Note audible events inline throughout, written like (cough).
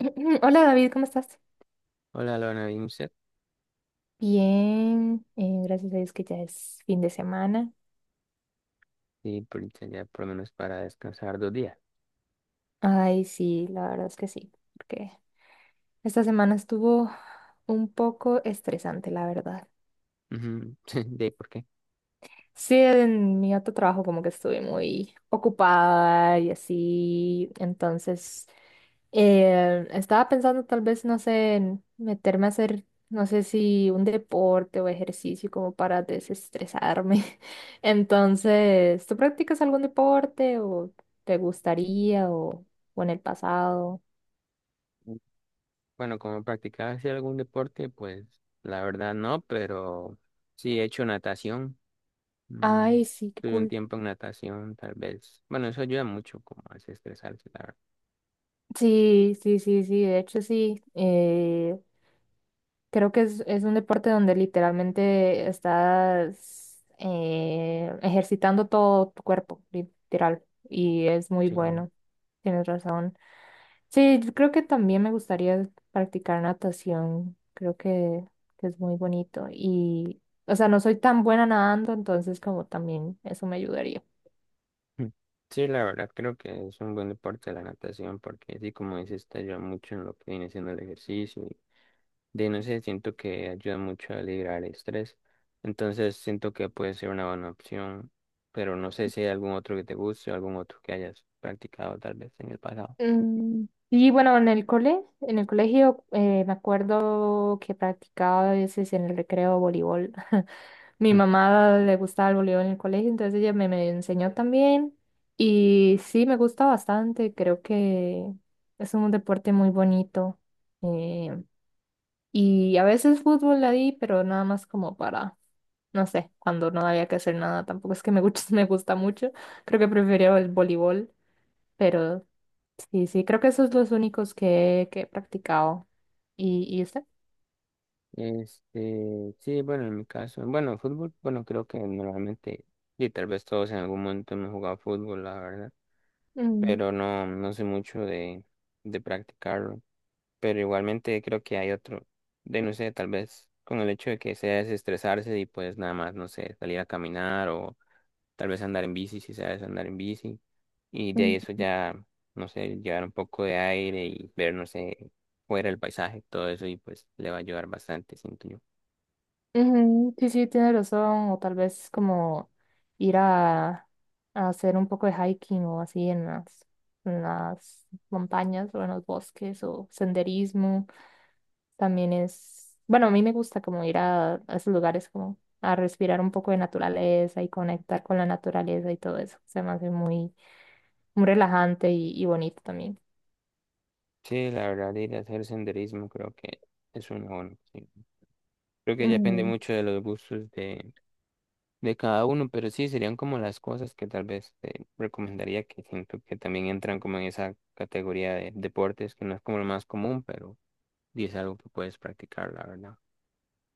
(clears throat) Hola David, ¿cómo estás? Hola, Lorna Bimset. Bien, gracias a Dios que ya es fin de semana. Sería por lo menos para descansar dos días. Ay, sí, la verdad es que sí, porque esta semana estuvo un poco estresante, la verdad. Ujú. (laughs) ¿De por qué? Sí, en mi otro trabajo como que estuve muy ocupada y así, entonces estaba pensando tal vez, no sé, en meterme a hacer, no sé si un deporte o ejercicio como para desestresarme. (laughs) Entonces, ¿tú practicas algún deporte o te gustaría o en el pasado? Bueno, como practicaba así algún deporte, pues la verdad no, pero sí he hecho natación. Mm, Ay, sí, qué Tuve un cool. tiempo en natación, tal vez. Bueno, eso ayuda mucho como a desestresarse, la verdad. Sí, sí, sí, sí, de hecho sí. Creo que es un deporte donde literalmente estás ejercitando todo tu cuerpo, literal, y es muy Sí. bueno. Tienes razón. Sí, yo creo que también me gustaría practicar natación. Que es muy bonito. O sea, no soy tan buena nadando, entonces como también eso me ayudaría. Mm. Sí, la verdad creo que es un buen deporte la natación porque sí, como dices, te ayuda mucho en lo que viene siendo el ejercicio de no sé, siento que ayuda mucho a liberar el estrés. Entonces siento que puede ser una buena opción, pero no sé si hay algún otro que te guste o algún otro que hayas practicado tal vez en el pasado. Mm, Y bueno, en el colegio, me acuerdo que practicaba a veces en el recreo voleibol. (laughs) Mi (laughs) mamá le gustaba el voleibol en el colegio, entonces ella me enseñó también. Y sí, me gusta bastante. Creo que es un deporte muy bonito. eh, y a veces fútbol la di, pero nada más como no sé, cuando no había que hacer nada. Tampoco es que me gusta, (laughs) me gusta mucho. Creo que prefería el voleibol, pero sí, sí, creo que esos son los únicos que he practicado. Y usted? Este, sí, bueno, en mi caso, bueno, fútbol, bueno, creo que normalmente, y tal vez todos en algún momento hemos jugado fútbol, la verdad, Mm. pero no, no sé mucho de practicarlo, pero igualmente creo que hay otro, de no sé, tal vez con el hecho de que sea desestresarse y pues nada más, no sé, salir a caminar o tal vez andar en bici, si sabes andar en bici, y de eso ya, no sé, llevar un poco de aire y ver, no sé, fuera el paisaje, todo eso, y pues le va a ayudar bastante, siento yo. Ujú. Sí, sí, tiene razón, o tal vez como ir a, a hacer un poco de hiking o así en en las montañas o en los bosques o senderismo. También es, bueno, a mí me gusta como a esos lugares como a respirar un poco de naturaleza y conectar con la naturaleza y todo eso. Se me hace muy relajante y bonito también. Sí, la verdad, ir a hacer senderismo creo que es una buena opción. Creo que ya depende mucho de los gustos de cada uno, pero sí, serían como las cosas que tal vez te recomendaría, que siento que también entran como en esa categoría de deportes, que no es como lo más común, pero y es algo que puedes practicar, la verdad.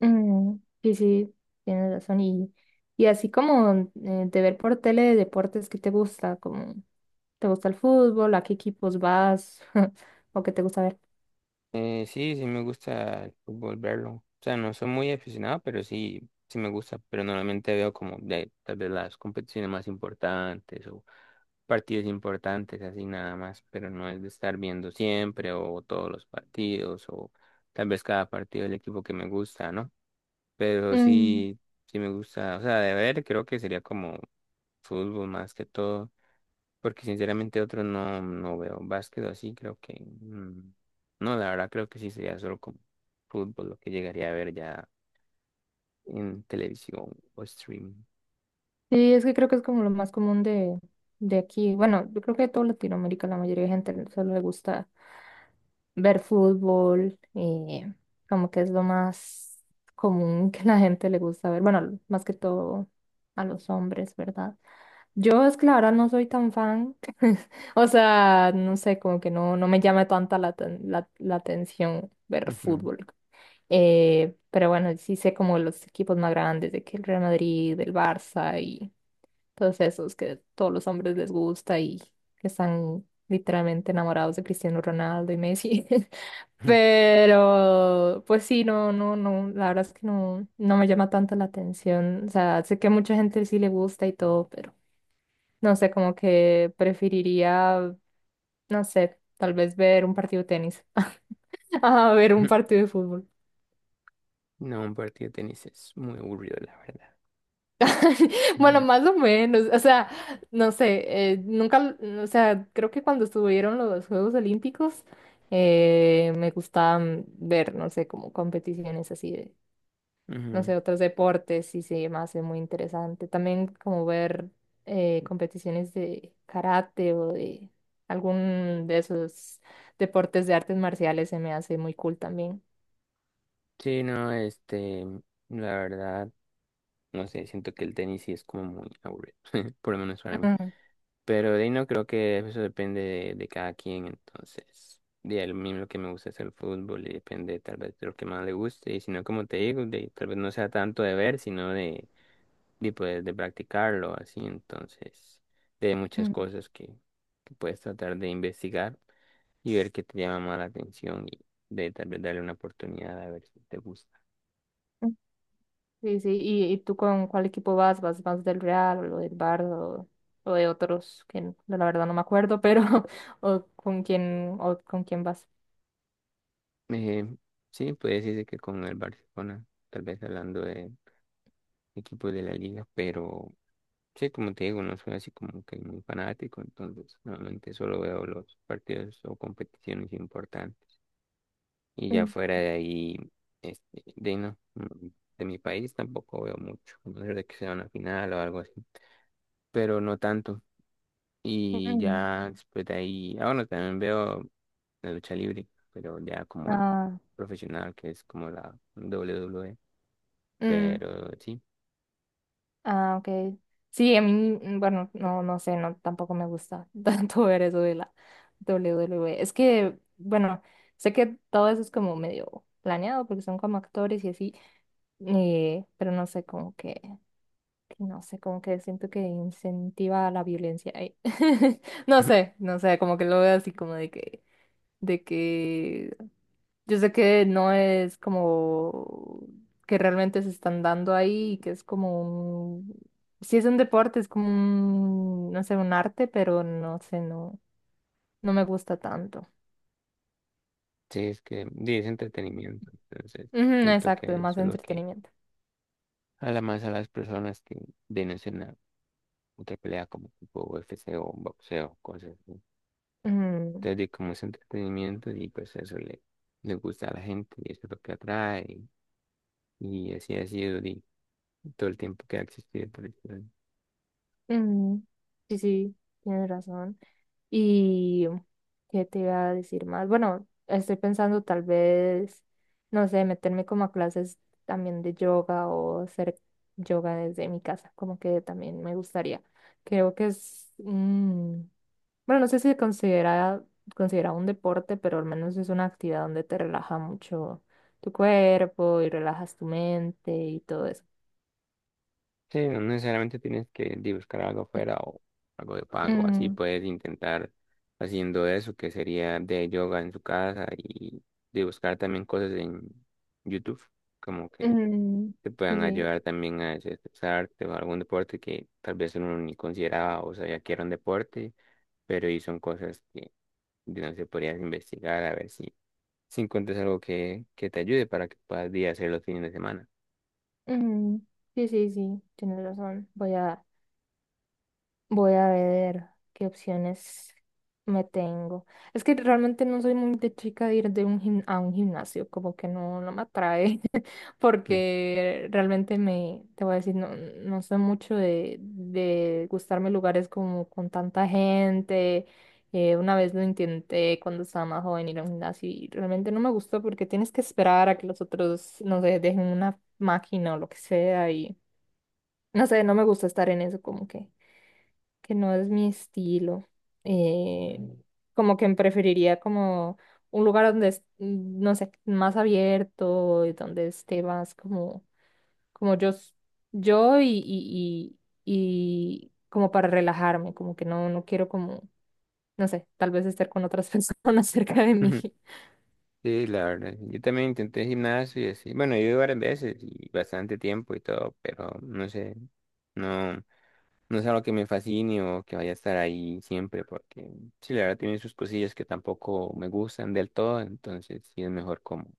Mm, sí, sí, tienes razón. Y así como de ver por tele de deportes que te gusta, como te gusta el fútbol, a qué equipos vas (laughs) o qué te gusta ver. Sí, sí me gusta el fútbol verlo. O sea, no soy muy aficionado, pero sí, sí me gusta. Pero normalmente veo como de tal vez las competiciones más importantes o partidos importantes, así nada más. Pero no es de estar viendo siempre o todos los partidos o tal vez cada partido del equipo que me gusta, ¿no? Pero Mm, sí, sí me gusta. O sea, de ver creo que sería como fútbol más que todo. Porque sinceramente otro no, no veo básquet o así. Creo que no, la verdad creo que sí sería solo como fútbol lo que llegaría a ver ya en televisión o streaming. sí, es que creo que es como lo más común de aquí. Bueno, yo creo que de toda Latinoamérica la mayoría de gente solo le gusta ver fútbol, como que es lo más común (laughs) que la gente le gusta ver. Bueno, más que todo a los hombres, ¿verdad? Yo es que la verdad no soy tan fan, (laughs) o sea, no sé, como que no, no me llama tanta la atención ver Ujú. fútbol. Pero bueno, sí sé como los equipos más grandes, de que el Real Madrid, el Barça y todos esos que todos los hombres les gusta y que están literalmente enamorados de Cristiano Ronaldo y Messi. (laughs) (laughs) Pero, pues sí, no, no, no, la verdad es que no, no me llama tanto la atención. O sea, sé que a mucha gente sí le gusta y todo, pero no sé, como que preferiría, no sé, tal vez ver un partido de tenis. (laughs) A ver un partido de fútbol. No, un partido de tenis es muy aburrido, la verdad. (laughs) Bueno, más o menos. O sea, no sé, nunca, o sea, creo que cuando estuvieron los Juegos Olímpicos, me gustaban ver, no sé, como competiciones así Ujú, ujú. no sé, otros deportes y se me hace muy interesante. También como ver competiciones de karate o de algún de esos deportes de artes marciales se me hace muy cool también. Sí, no, este, la verdad, no sé, siento que el tenis sí es como muy aburrido, (laughs) por lo menos para mí. Mm, Pero de ahí no creo que eso depende de cada quien, entonces, de a mismo lo que me gusta es el fútbol y depende tal vez de lo que más le guste, y si no, como te digo, de, tal vez no sea tanto de ver, sino de poder de practicarlo, así, entonces, de muchas mm, cosas que puedes tratar de investigar y ver qué te llama más la atención y de tal vez darle una oportunidad a ver si te gusta. mm. Sí, sí, y tú con cuál equipo vas? ¿Vas más del Real o del Barça o de otros que la verdad no me acuerdo, pero (laughs) o con quién vas? Eh, sí, puede decirse que con el Barcelona, tal vez hablando de equipos de la liga, pero. Sí, como te digo, no soy así como que muy fanático, entonces normalmente solo veo los partidos o competiciones importantes. Y ya Mm, fuera de ahí, este, ahí no, de mi país tampoco veo mucho, a no ser de que sea una final o algo así, pero no tanto. Y mm. ya después de ahí, ah, bueno, también veo la lucha libre, pero ya como el Ah, profesional, que es como la WWE, mm. pero sí, Ah, ok. Sí, a mí, mm, bueno, no, no sé, no, tampoco me gusta (laughs) tanto ver eso de la W W WWE. Es que, bueno, sé que todo eso es como medio planeado porque son como actores y así, pero no sé, como que no sé, como que siento que incentiva la violencia ahí. (laughs) No sé, no sé, como que lo veo así como de que yo sé que no es como que realmente se están dando ahí, que es como un... Sí es un deporte, es como un, no sé, un arte, pero no sé, no, no me gusta tanto. sí, es que sí, es entretenimiento, entonces Ujú, siento exacto, es que más eso es lo que, entretenimiento. además, a las personas que denuncian a otra pelea como tipo UFC o boxeo, cosas así. Ujú, Entonces, di, como es entretenimiento y pues eso le gusta a la gente y eso es lo que atrae y así ha sido di, todo el tiempo que ha existido. Por decirlo así. ujú. Sí, sí, tienes razón. Y, ¿qué te iba a decir más? Bueno, estoy pensando tal vez, no sé, meterme como a clases también de yoga o hacer yoga desde mi casa, como que también me gustaría. Creo que bueno, no sé si se considera un deporte, pero al menos es una actividad donde te relaja mucho tu cuerpo y relajas tu mente y todo eso. Sí, no necesariamente tienes que di, buscar algo afuera o algo de pago, así Mm, puedes intentar haciendo eso que sería de yoga en su casa y de buscar también cosas en YouTube como que mm, te sí, puedan sí. ayudar también a desestresarte o algún deporte que tal vez uno ni consideraba o sabía que era un deporte, pero y son cosas que de no se podrías investigar a ver si encuentras algo que te ayude para que puedas día hacer los fines de semana. Mm, sí, sí, sí, tienes razón. Voy a ver qué opciones me tengo. Es que realmente no soy muy de chica de ir de a un gimnasio, como que no, no me atrae, (laughs) Mm. porque realmente te voy a decir, no, no soy mucho de gustarme lugares como con tanta gente. Una vez lo intenté cuando estaba más joven ir a un gimnasio y realmente no me gustó porque tienes que esperar a que los otros, no sé, dejen una máquina o lo que sea y no sé, no me gusta estar en eso como que no es mi estilo. eh, como que preferiría como un lugar donde, no sé, más abierto, y donde esté más como, como yo, s- yo y como para relajarme, como que no, no quiero como, no sé, tal vez estar con otras (laughs) personas cerca de mí. (laughs) Sí, la verdad. Yo también intenté gimnasio y así. Bueno, yo iba varias veces y bastante tiempo y todo, pero no sé, no. No es algo que me fascine o que vaya a estar ahí siempre, porque sí, la verdad tiene sus cosillas que tampoco me gustan del todo, entonces sí es mejor como,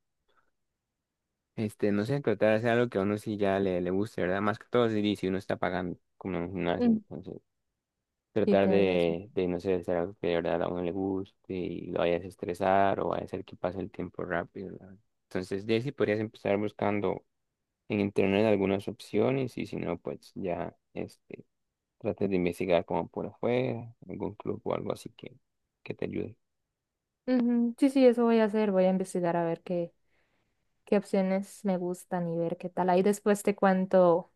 este, no sé, tratar de hacer algo que a uno sí ya le guste, ¿verdad? Más que todo sí, si uno está pagando como en un gimnasio, Mm. entonces Sí, tratar tienes razón. de, no sé, hacer algo que de verdad a uno le guste y lo vaya a desestresar o vaya a hacer que pase el tiempo rápido, ¿verdad? Entonces, de ahí sí podrías empezar buscando en internet algunas opciones y si no, pues ya, este trate de investigar como por afuera, algún club o algo así que te ayude. Ujú, sí, sí, eso voy a hacer. Voy a investigar a ver qué opciones me gustan y ver qué tal. Ahí después te cuento.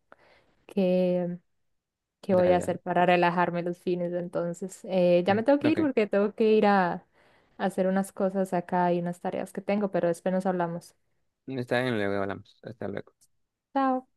¿Qué voy Dale, a dale. hacer para relajarme los fines de entonces? Ya Mm, me tengo que ir ok. porque tengo que ir a hacer unas cosas acá y unas tareas que tengo, pero después nos hablamos. Está bien, luego hablamos. Hasta luego. Chao.